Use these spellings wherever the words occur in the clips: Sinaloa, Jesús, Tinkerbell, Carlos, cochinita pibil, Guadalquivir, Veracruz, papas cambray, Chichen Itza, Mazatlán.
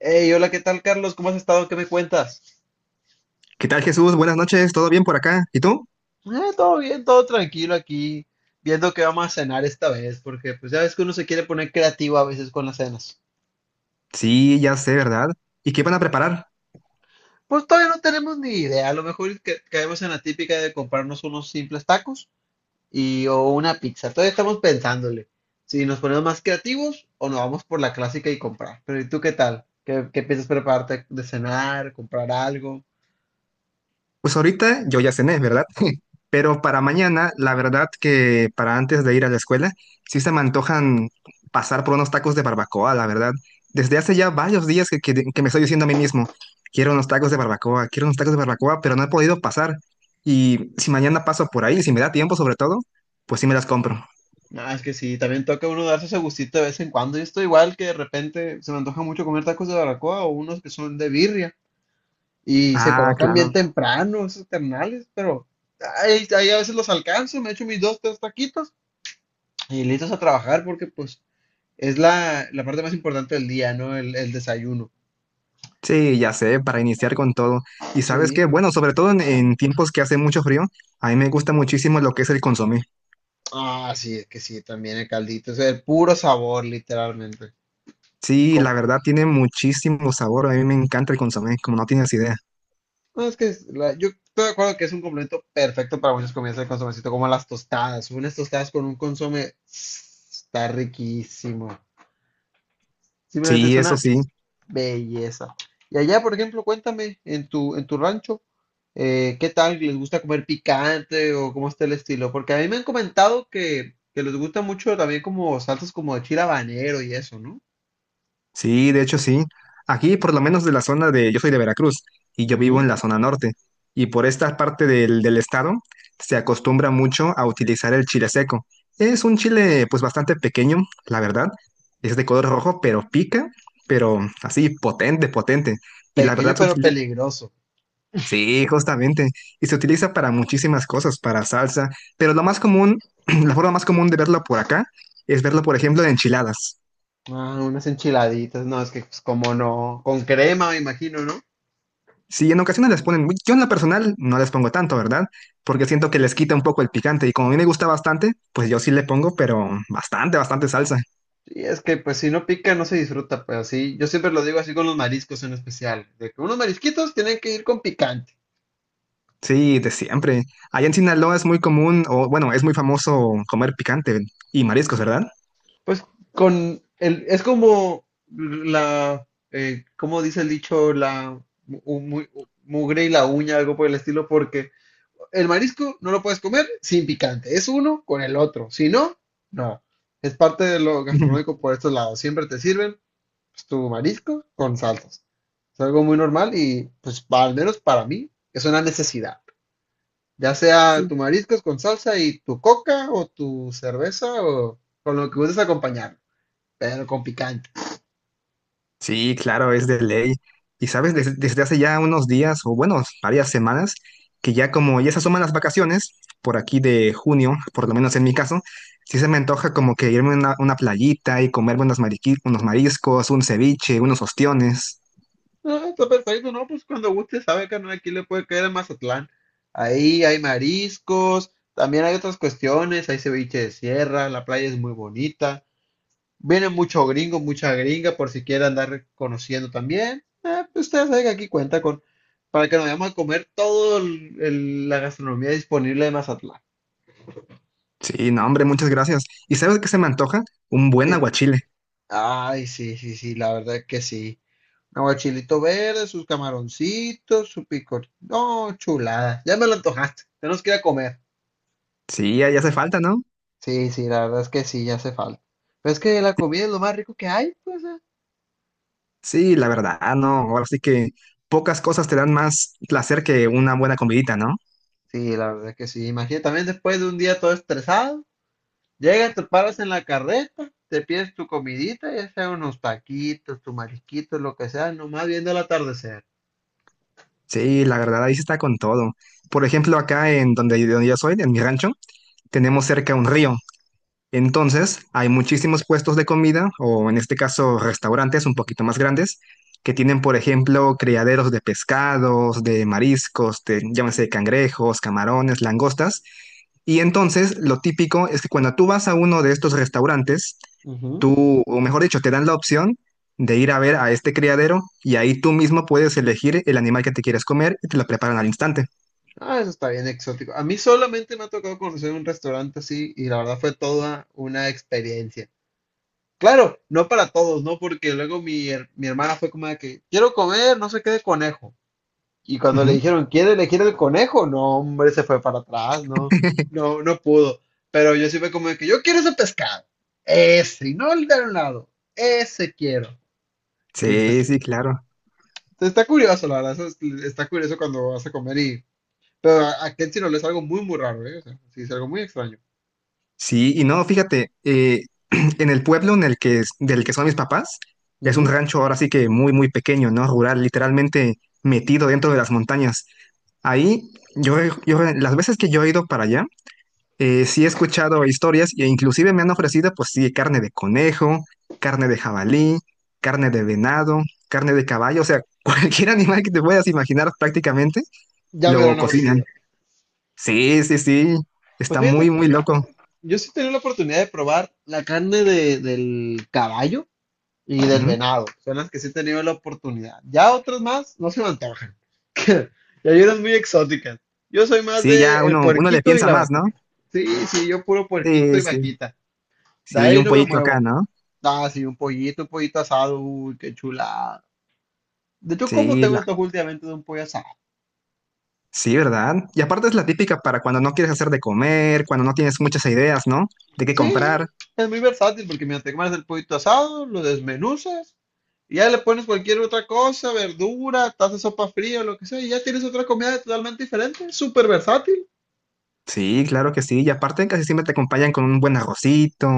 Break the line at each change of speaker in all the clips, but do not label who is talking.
Hey, hola, ¿qué tal, Carlos? ¿Cómo has estado? ¿Qué me cuentas?
¿Qué tal, Jesús? Buenas noches, ¿todo bien por acá? ¿Y tú?
Eh, Todo bien, todo tranquilo aquí, viendo qué vamos a cenar esta vez, porque pues ya ves que uno se quiere poner creativo a veces con las cenas.
Sí, ya sé, ¿verdad? ¿Y qué van a preparar?
Pues todavía no tenemos ni idea, a lo mejor y caemos en la típica de comprarnos unos simples tacos y o una pizza. Todavía estamos pensándole si nos ponemos más creativos o nos vamos por la clásica y comprar. Pero ¿y tú qué tal? ¿Qué piensas prepararte de cenar, comprar algo?
Pues ahorita yo ya cené, ¿verdad? Pero para mañana, la verdad que para antes de ir a la escuela, sí se me antojan pasar por unos tacos de barbacoa, la verdad. Desde hace ya varios días que me estoy diciendo a mí mismo, quiero unos tacos de barbacoa, quiero unos tacos de barbacoa, pero no he podido pasar. Y si mañana paso por ahí, si me da tiempo sobre todo, pues sí me las compro.
Ah, es que sí, también toca uno darse ese gustito de vez en cuando. Yo estoy igual, que de repente se me antoja mucho comer tacos de barbacoa o unos que son de birria y se
Ah,
colocan
claro.
bien temprano esos ternales, pero ahí a veces los alcanzo, me echo mis dos, tres taquitos y listos a trabajar, porque pues es la parte más importante del día, ¿no? El desayuno.
Sí, ya sé, para iniciar con todo. Y sabes
Sí.
qué, bueno, sobre todo en tiempos que hace mucho frío, a mí me gusta muchísimo lo que es el consomé.
Ah, sí, es que sí, también el caldito, es el puro sabor, literalmente.
Sí, la verdad tiene muchísimo sabor, a mí me encanta el consomé, como no tienes idea.
No, es que yo estoy de acuerdo que es un complemento perfecto para muchas comidas de consomecito, como las tostadas. Unas tostadas con un consome está riquísimo. Simplemente es
Sí, eso
una
sí.
belleza. Y allá, por ejemplo, cuéntame, en tu rancho, ¿qué tal? ¿Les gusta comer picante o cómo está el estilo? Porque a mí me han comentado que les gusta mucho también como salsas como de chile habanero y eso, ¿no?
Sí, de hecho sí. Aquí, por lo menos de la zona de, yo soy de Veracruz y yo vivo en
Ujú.
la zona norte. Y por esta parte del estado se acostumbra mucho a utilizar el chile seco. Es un chile pues bastante pequeño, la verdad. Es de color rojo, pero pica, pero así potente, potente. Y la
Pequeño
verdad,
pero peligroso.
sí, justamente. Y se utiliza para muchísimas cosas, para salsa. Pero lo más común, la forma más común de verlo por acá es verlo, por ejemplo, en enchiladas.
Ah, unas enchiladitas, no, es que pues, como no, con crema me imagino, ¿no?
Sí, en ocasiones les ponen, yo en la personal no les pongo tanto, ¿verdad? Porque siento que les quita un poco el picante y como a mí me gusta bastante, pues yo sí le pongo, pero bastante, bastante salsa.
Sí, es que pues si no pica no se disfruta, pues así, yo siempre lo digo así con los mariscos en especial, de que unos marisquitos tienen que ir con picante.
Sí, de siempre. Allá en Sinaloa es muy común, o bueno, es muy famoso comer picante y mariscos, ¿verdad?
Pues con el, es como la, ¿cómo dice el dicho? La mugre y la uña, algo por el estilo, porque el marisco no lo puedes comer sin picante, es uno con el otro, si no, no. Es parte de lo gastronómico por estos lados, siempre te sirven pues, tu marisco con salsas. Es algo muy normal y, pues, al menos para mí, es una necesidad. Ya sea tu mariscos con salsa y tu coca o tu cerveza o con lo que gustes acompañar, pero con picante.
Sí, claro, es de ley. Y sabes, desde hace ya unos días, o bueno, varias semanas, que ya como ya se asoman las vacaciones, por aquí de junio, por lo menos en mi caso, sí se me antoja como que irme a una playita y comerme unos, unos mariscos, un ceviche, unos ostiones.
No, está perfecto, ¿no? Pues cuando guste, sabe que no, aquí le puede caer a Mazatlán. Ahí hay mariscos, también hay otras cuestiones, hay ceviche de sierra, la playa es muy bonita. Vienen muchos gringos, muchas gringas, por si quieren andar conociendo también. Pues ustedes saben que aquí cuenta con, para que nos vayamos a comer toda la gastronomía disponible de Mazatlán.
Sí, no, hombre, muchas gracias. ¿Y sabes qué se me antoja? Un buen
Qué
aguachile.
ay, sí, sí, sí, la verdad que sí. Aguachilito verde, sus camaroncitos, su picor. No, chulada. Ya me lo antojaste. Tenemos que ir a comer.
Sí, ya, ya hace falta, ¿no?
Sí, sí, la verdad es que sí, ya hace falta. Pero es que la comida es lo más rico que hay, pues.
Sí, la verdad, no. Ahora sí que pocas cosas te dan más placer que una buena comidita, ¿no?
Sí, la verdad que sí. Imagínate también después de un día todo estresado. Llegas, te paras en la carreta, te pides tu comidita, ya sea unos taquitos, tu mariquito, lo que sea, nomás viendo el atardecer.
Sí, la verdad, ahí sí está con todo. Por ejemplo, acá en donde, donde yo soy, en mi rancho, tenemos cerca un río. Entonces, hay muchísimos puestos de comida, o en este caso restaurantes un poquito más grandes, que tienen, por ejemplo, criaderos de pescados, de mariscos, de, llámese cangrejos, camarones, langostas. Y entonces, lo típico es que cuando tú vas a uno de estos restaurantes,
Ujú.
tú, o mejor dicho, te dan la opción de ir a ver a este criadero y ahí tú mismo puedes elegir el animal que te quieres comer y te lo preparan al instante.
Ah, eso está bien exótico. A mí solamente me ha tocado conocer un restaurante así y la verdad fue toda una experiencia. Claro, no para todos, ¿no? Porque luego mi hermana fue como de que quiero comer, no sé qué de conejo. Y cuando le
Ujú.
dijeron, ¿quiere elegir el conejo? No, hombre, se fue para atrás, no, no, no pudo. Pero yo sí fue como de que yo quiero ese pescado. Ese, y no el de un lado. Ese quiero. Y
Sí,
pues
sí, claro.
está curioso, la verdad. Está curioso cuando vas a comer y. Pero a Ken sí no le es algo muy raro, ¿eh? O sea, sí, es algo muy extraño.
Sí, y no, fíjate, en el pueblo en el que, del que son mis papás, es un
Ujú.
rancho ahora sí que muy, muy pequeño, ¿no? Rural, literalmente metido dentro de las montañas. Ahí, las veces que yo he ido para allá, sí he escuchado historias e inclusive me han ofrecido, pues sí, carne de conejo, carne de jabalí, carne de venado, carne de caballo, o sea, cualquier animal que te puedas imaginar prácticamente
Ya me lo
lo
han
cocinan.
ofrecido.
Sí, sí, sí,
Pues
está muy,
fíjate,
muy loco.
yo sí tenía la oportunidad de probar la carne del caballo y del venado. Son las que sí he tenido la oportunidad. Ya otras más no se me antojan. Y Yayeras muy exóticas. Yo soy más
Sí, ya
de el
uno, uno le
puerquito y
piensa
la
más, ¿no?
vaquita. Sí, sí, yo puro puerquito
Sí,
y
sí.
vaquita. De
Sí,
ahí
un
no me
pollito acá,
muevo.
¿no?
Ah, sí, un pollito asado. Uy, qué chulada. De hecho, ¿cómo
Sí,
tengo
la,
antojo últimamente de un pollo asado?
sí, ¿verdad? Y aparte es la típica para cuando no quieres hacer de comer, cuando no tienes muchas ideas, ¿no? De qué
Sí,
comprar.
es muy versátil porque mientras te comes el pollito asado, lo desmenuzas y ya le pones cualquier otra cosa, verdura, taza de sopa fría, lo que sea, y ya tienes otra comida totalmente diferente. Súper versátil.
Sí, claro que sí. Y aparte casi siempre te acompañan con un buen arrocito,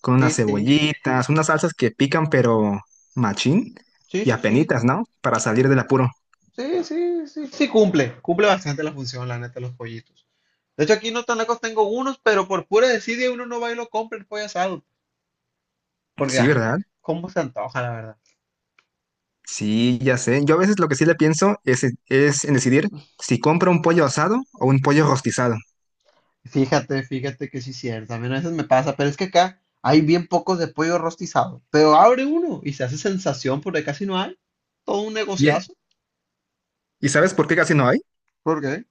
con
Sí,
unas
sí,
cebollitas, unas salsas que pican, pero machín
sí,
y
sí, sí.
apenitas, ¿no? Para salir del apuro.
Sí, sí, sí, sí cumple, cumple bastante la función, la neta, los pollitos. De hecho, aquí no tan lejos tengo unos, pero por pura desidia uno no va y lo compra el pollo asado, porque,
Sí,
ah,
¿verdad?
cómo se antoja, la verdad.
Sí, ya sé. Yo a veces lo que sí le pienso es en decidir si compro un pollo asado o un pollo rostizado.
Fíjate, fíjate que sí es cierto, a mí a veces me pasa, pero es que acá hay bien pocos de pollo rostizado, pero abre uno y se hace sensación porque casi no hay, todo un negociazo.
¿Y sabes por qué casi no hay?
¿Por qué?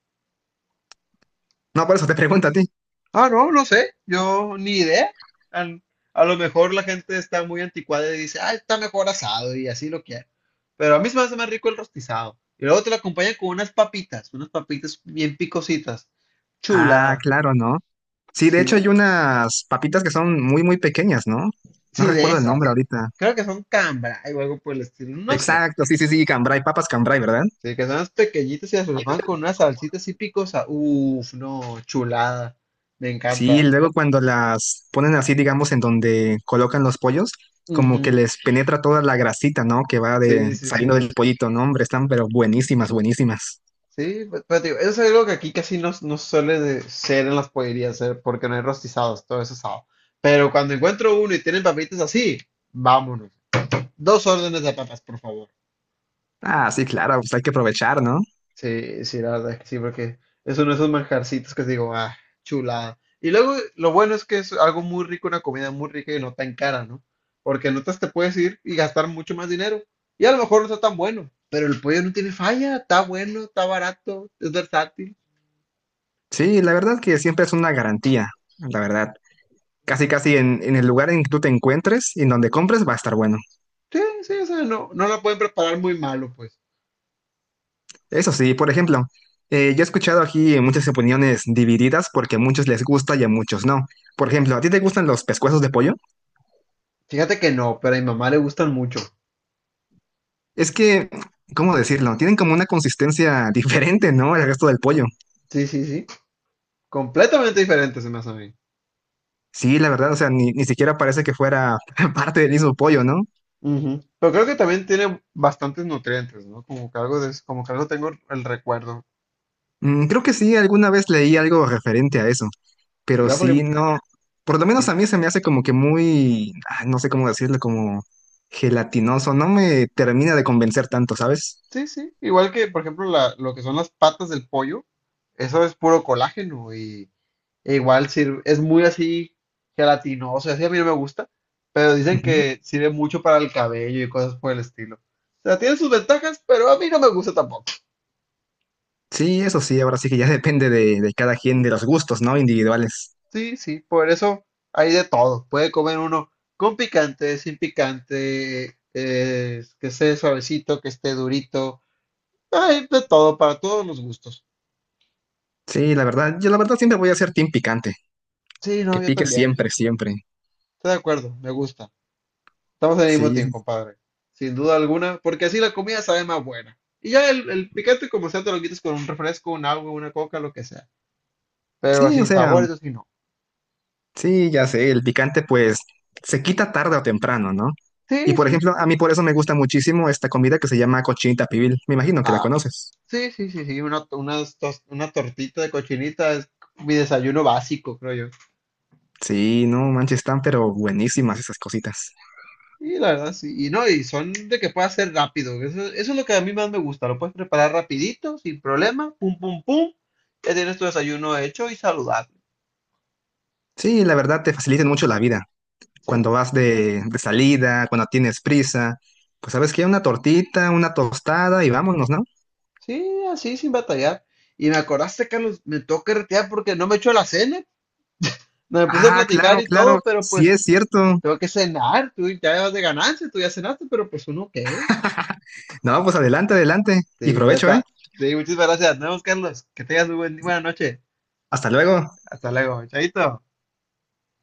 No, por eso te pregunto a ti.
Ah, no, no sé, yo ni idea. An- A, lo mejor la gente está muy anticuada y dice, ah, está mejor asado y así lo quiere. Pero a mí se me hace más rico el rostizado. Y luego te lo acompañan con unas papitas bien picositas.
Ah,
Chula,
claro, ¿no? Sí, de hecho hay
sí,
unas papitas que son muy, muy pequeñas, ¿no? No
sí, de
recuerdo el nombre
esas.
ahorita.
Creo que son cambra o algo por el estilo, no sé.
Exacto, sí, sí, sí, cambray, papas cambray, ¿verdad?
Sí, que son unas pequeñitas y las repasan con una salsita así picosa. Uf, no, chulada. Me
Sí,
encanta.
luego cuando las ponen así, digamos, en donde colocan los pollos, como
Ujú,
que les penetra toda la grasita, ¿no? Que va de,
sí, sí,
saliendo
sí.
del pollito, ¿no? Hombre, están pero buenísimas, buenísimas.
Sí, pero, digo, eso es algo que aquí casi no, no suele de ser en las pollerías, porque no hay rostizados, todo eso es asado. Pero cuando encuentro uno y tienen papitas así, vámonos. Dos órdenes de papas, por favor.
Ah, sí, claro, pues hay que aprovechar, ¿no?
Sí, sí, la verdad es que sí, porque es uno de esos manjarcitos que digo, ah, chulada. Y luego lo bueno es que es algo muy rico, una comida muy rica y no tan cara, ¿no? Porque en otras te puedes ir y gastar mucho más dinero. Y a lo mejor no está tan bueno, pero el pollo no tiene falla, está bueno, está barato, es versátil.
Sí, la verdad que siempre es una garantía, la verdad. Casi, casi en el lugar en que tú te encuentres y en donde compres va a estar bueno.
Sí, sí, o sea, no, no la pueden preparar muy malo, pues.
Eso sí, por ejemplo, yo he escuchado aquí muchas opiniones divididas porque a muchos les gusta y a muchos no. Por ejemplo, ¿a ti te gustan los pescuezos de pollo?
Fíjate que no, pero a mi mamá le gustan mucho.
Es que, ¿cómo decirlo? Tienen como una consistencia diferente, ¿no? Al resto del pollo.
Sí, sí, sí. Completamente diferente se me hace a mí.
Sí, la verdad, o sea, ni siquiera parece que fuera parte del mismo pollo, ¿no?
Ujú. Pero creo que también tiene bastantes nutrientes, ¿no? Como que algo de, como que algo tengo el recuerdo.
Mm, creo que sí, alguna vez leí algo referente a eso. Pero
Igual,
sí,
porque
no, por lo menos a mí se me hace como que muy, ah, no sé cómo decirlo, como gelatinoso, no me termina de convencer tanto, ¿sabes?
sí, sí. Igual que, por ejemplo, lo que son las patas del pollo, eso es puro colágeno y e igual sirve, es muy así gelatinoso, así a mí no me gusta, pero dicen
Ujú.
que sirve mucho para el cabello y cosas por el estilo. O sea, tiene sus ventajas, pero a mí no me gusta tampoco.
Sí, eso sí, ahora sí que ya depende de cada quien, de los gustos, ¿no? Individuales.
Sí, sí, por eso hay de todo. Puede comer uno con picante, sin picante, que esté suavecito, que esté durito. Hay de todo, para todos los gustos.
Sí, la verdad, yo la verdad siempre voy a ser team picante,
Sí, no,
que
yo
pique
también.
siempre, siempre.
Estoy de acuerdo, me gusta. Estamos en el mismo
Sí,
team, compadre. Sin duda alguna, porque así la comida sabe más buena. Y ya el picante, como sea, te lo quitas con un refresco, un agua, una coca, lo que sea. Pero
sí, o
sin
sea,
sabor, eso sí no.
sí, ya sé, el picante pues se quita tarde o temprano, ¿no? Y
Sí,
por
sí.
ejemplo, a mí por eso me gusta muchísimo esta comida que se llama cochinita pibil, me imagino que la
Ah,
conoces.
sí, sí, sí, sí. Una, una tortita de cochinita es mi desayuno básico, creo yo.
Sí, no manches, están pero buenísimas esas cositas.
Y la verdad, sí. Y no, y son de que pueda ser rápido. Eso es lo que a mí más me gusta. Lo puedes preparar rapidito, sin problema. Pum, pum, pum. Ya tienes tu desayuno hecho y saludable.
Sí, la verdad te facilitan mucho la vida. Cuando
Sí.
vas de salida, cuando tienes prisa, pues sabes que hay una tortita, una tostada y vámonos, ¿no?
Sí, así, sin batallar. Y me acordaste, Carlos, me tengo que retirar porque no me echó la cena. No, me puse a
Ah,
platicar
claro,
y
claro,
todo, pero
sí
pues
es cierto.
tengo que cenar. Tú ya vas de ganancia, tú ya cenaste, pero pues uno qué.
No, pues adelante, adelante y
Sí, pues, ya
provecho, ¿eh?
está. Sí, muchas gracias. Nos vemos, Carlos. Que tengas buena noche.
Hasta luego.
Hasta luego. Chaito.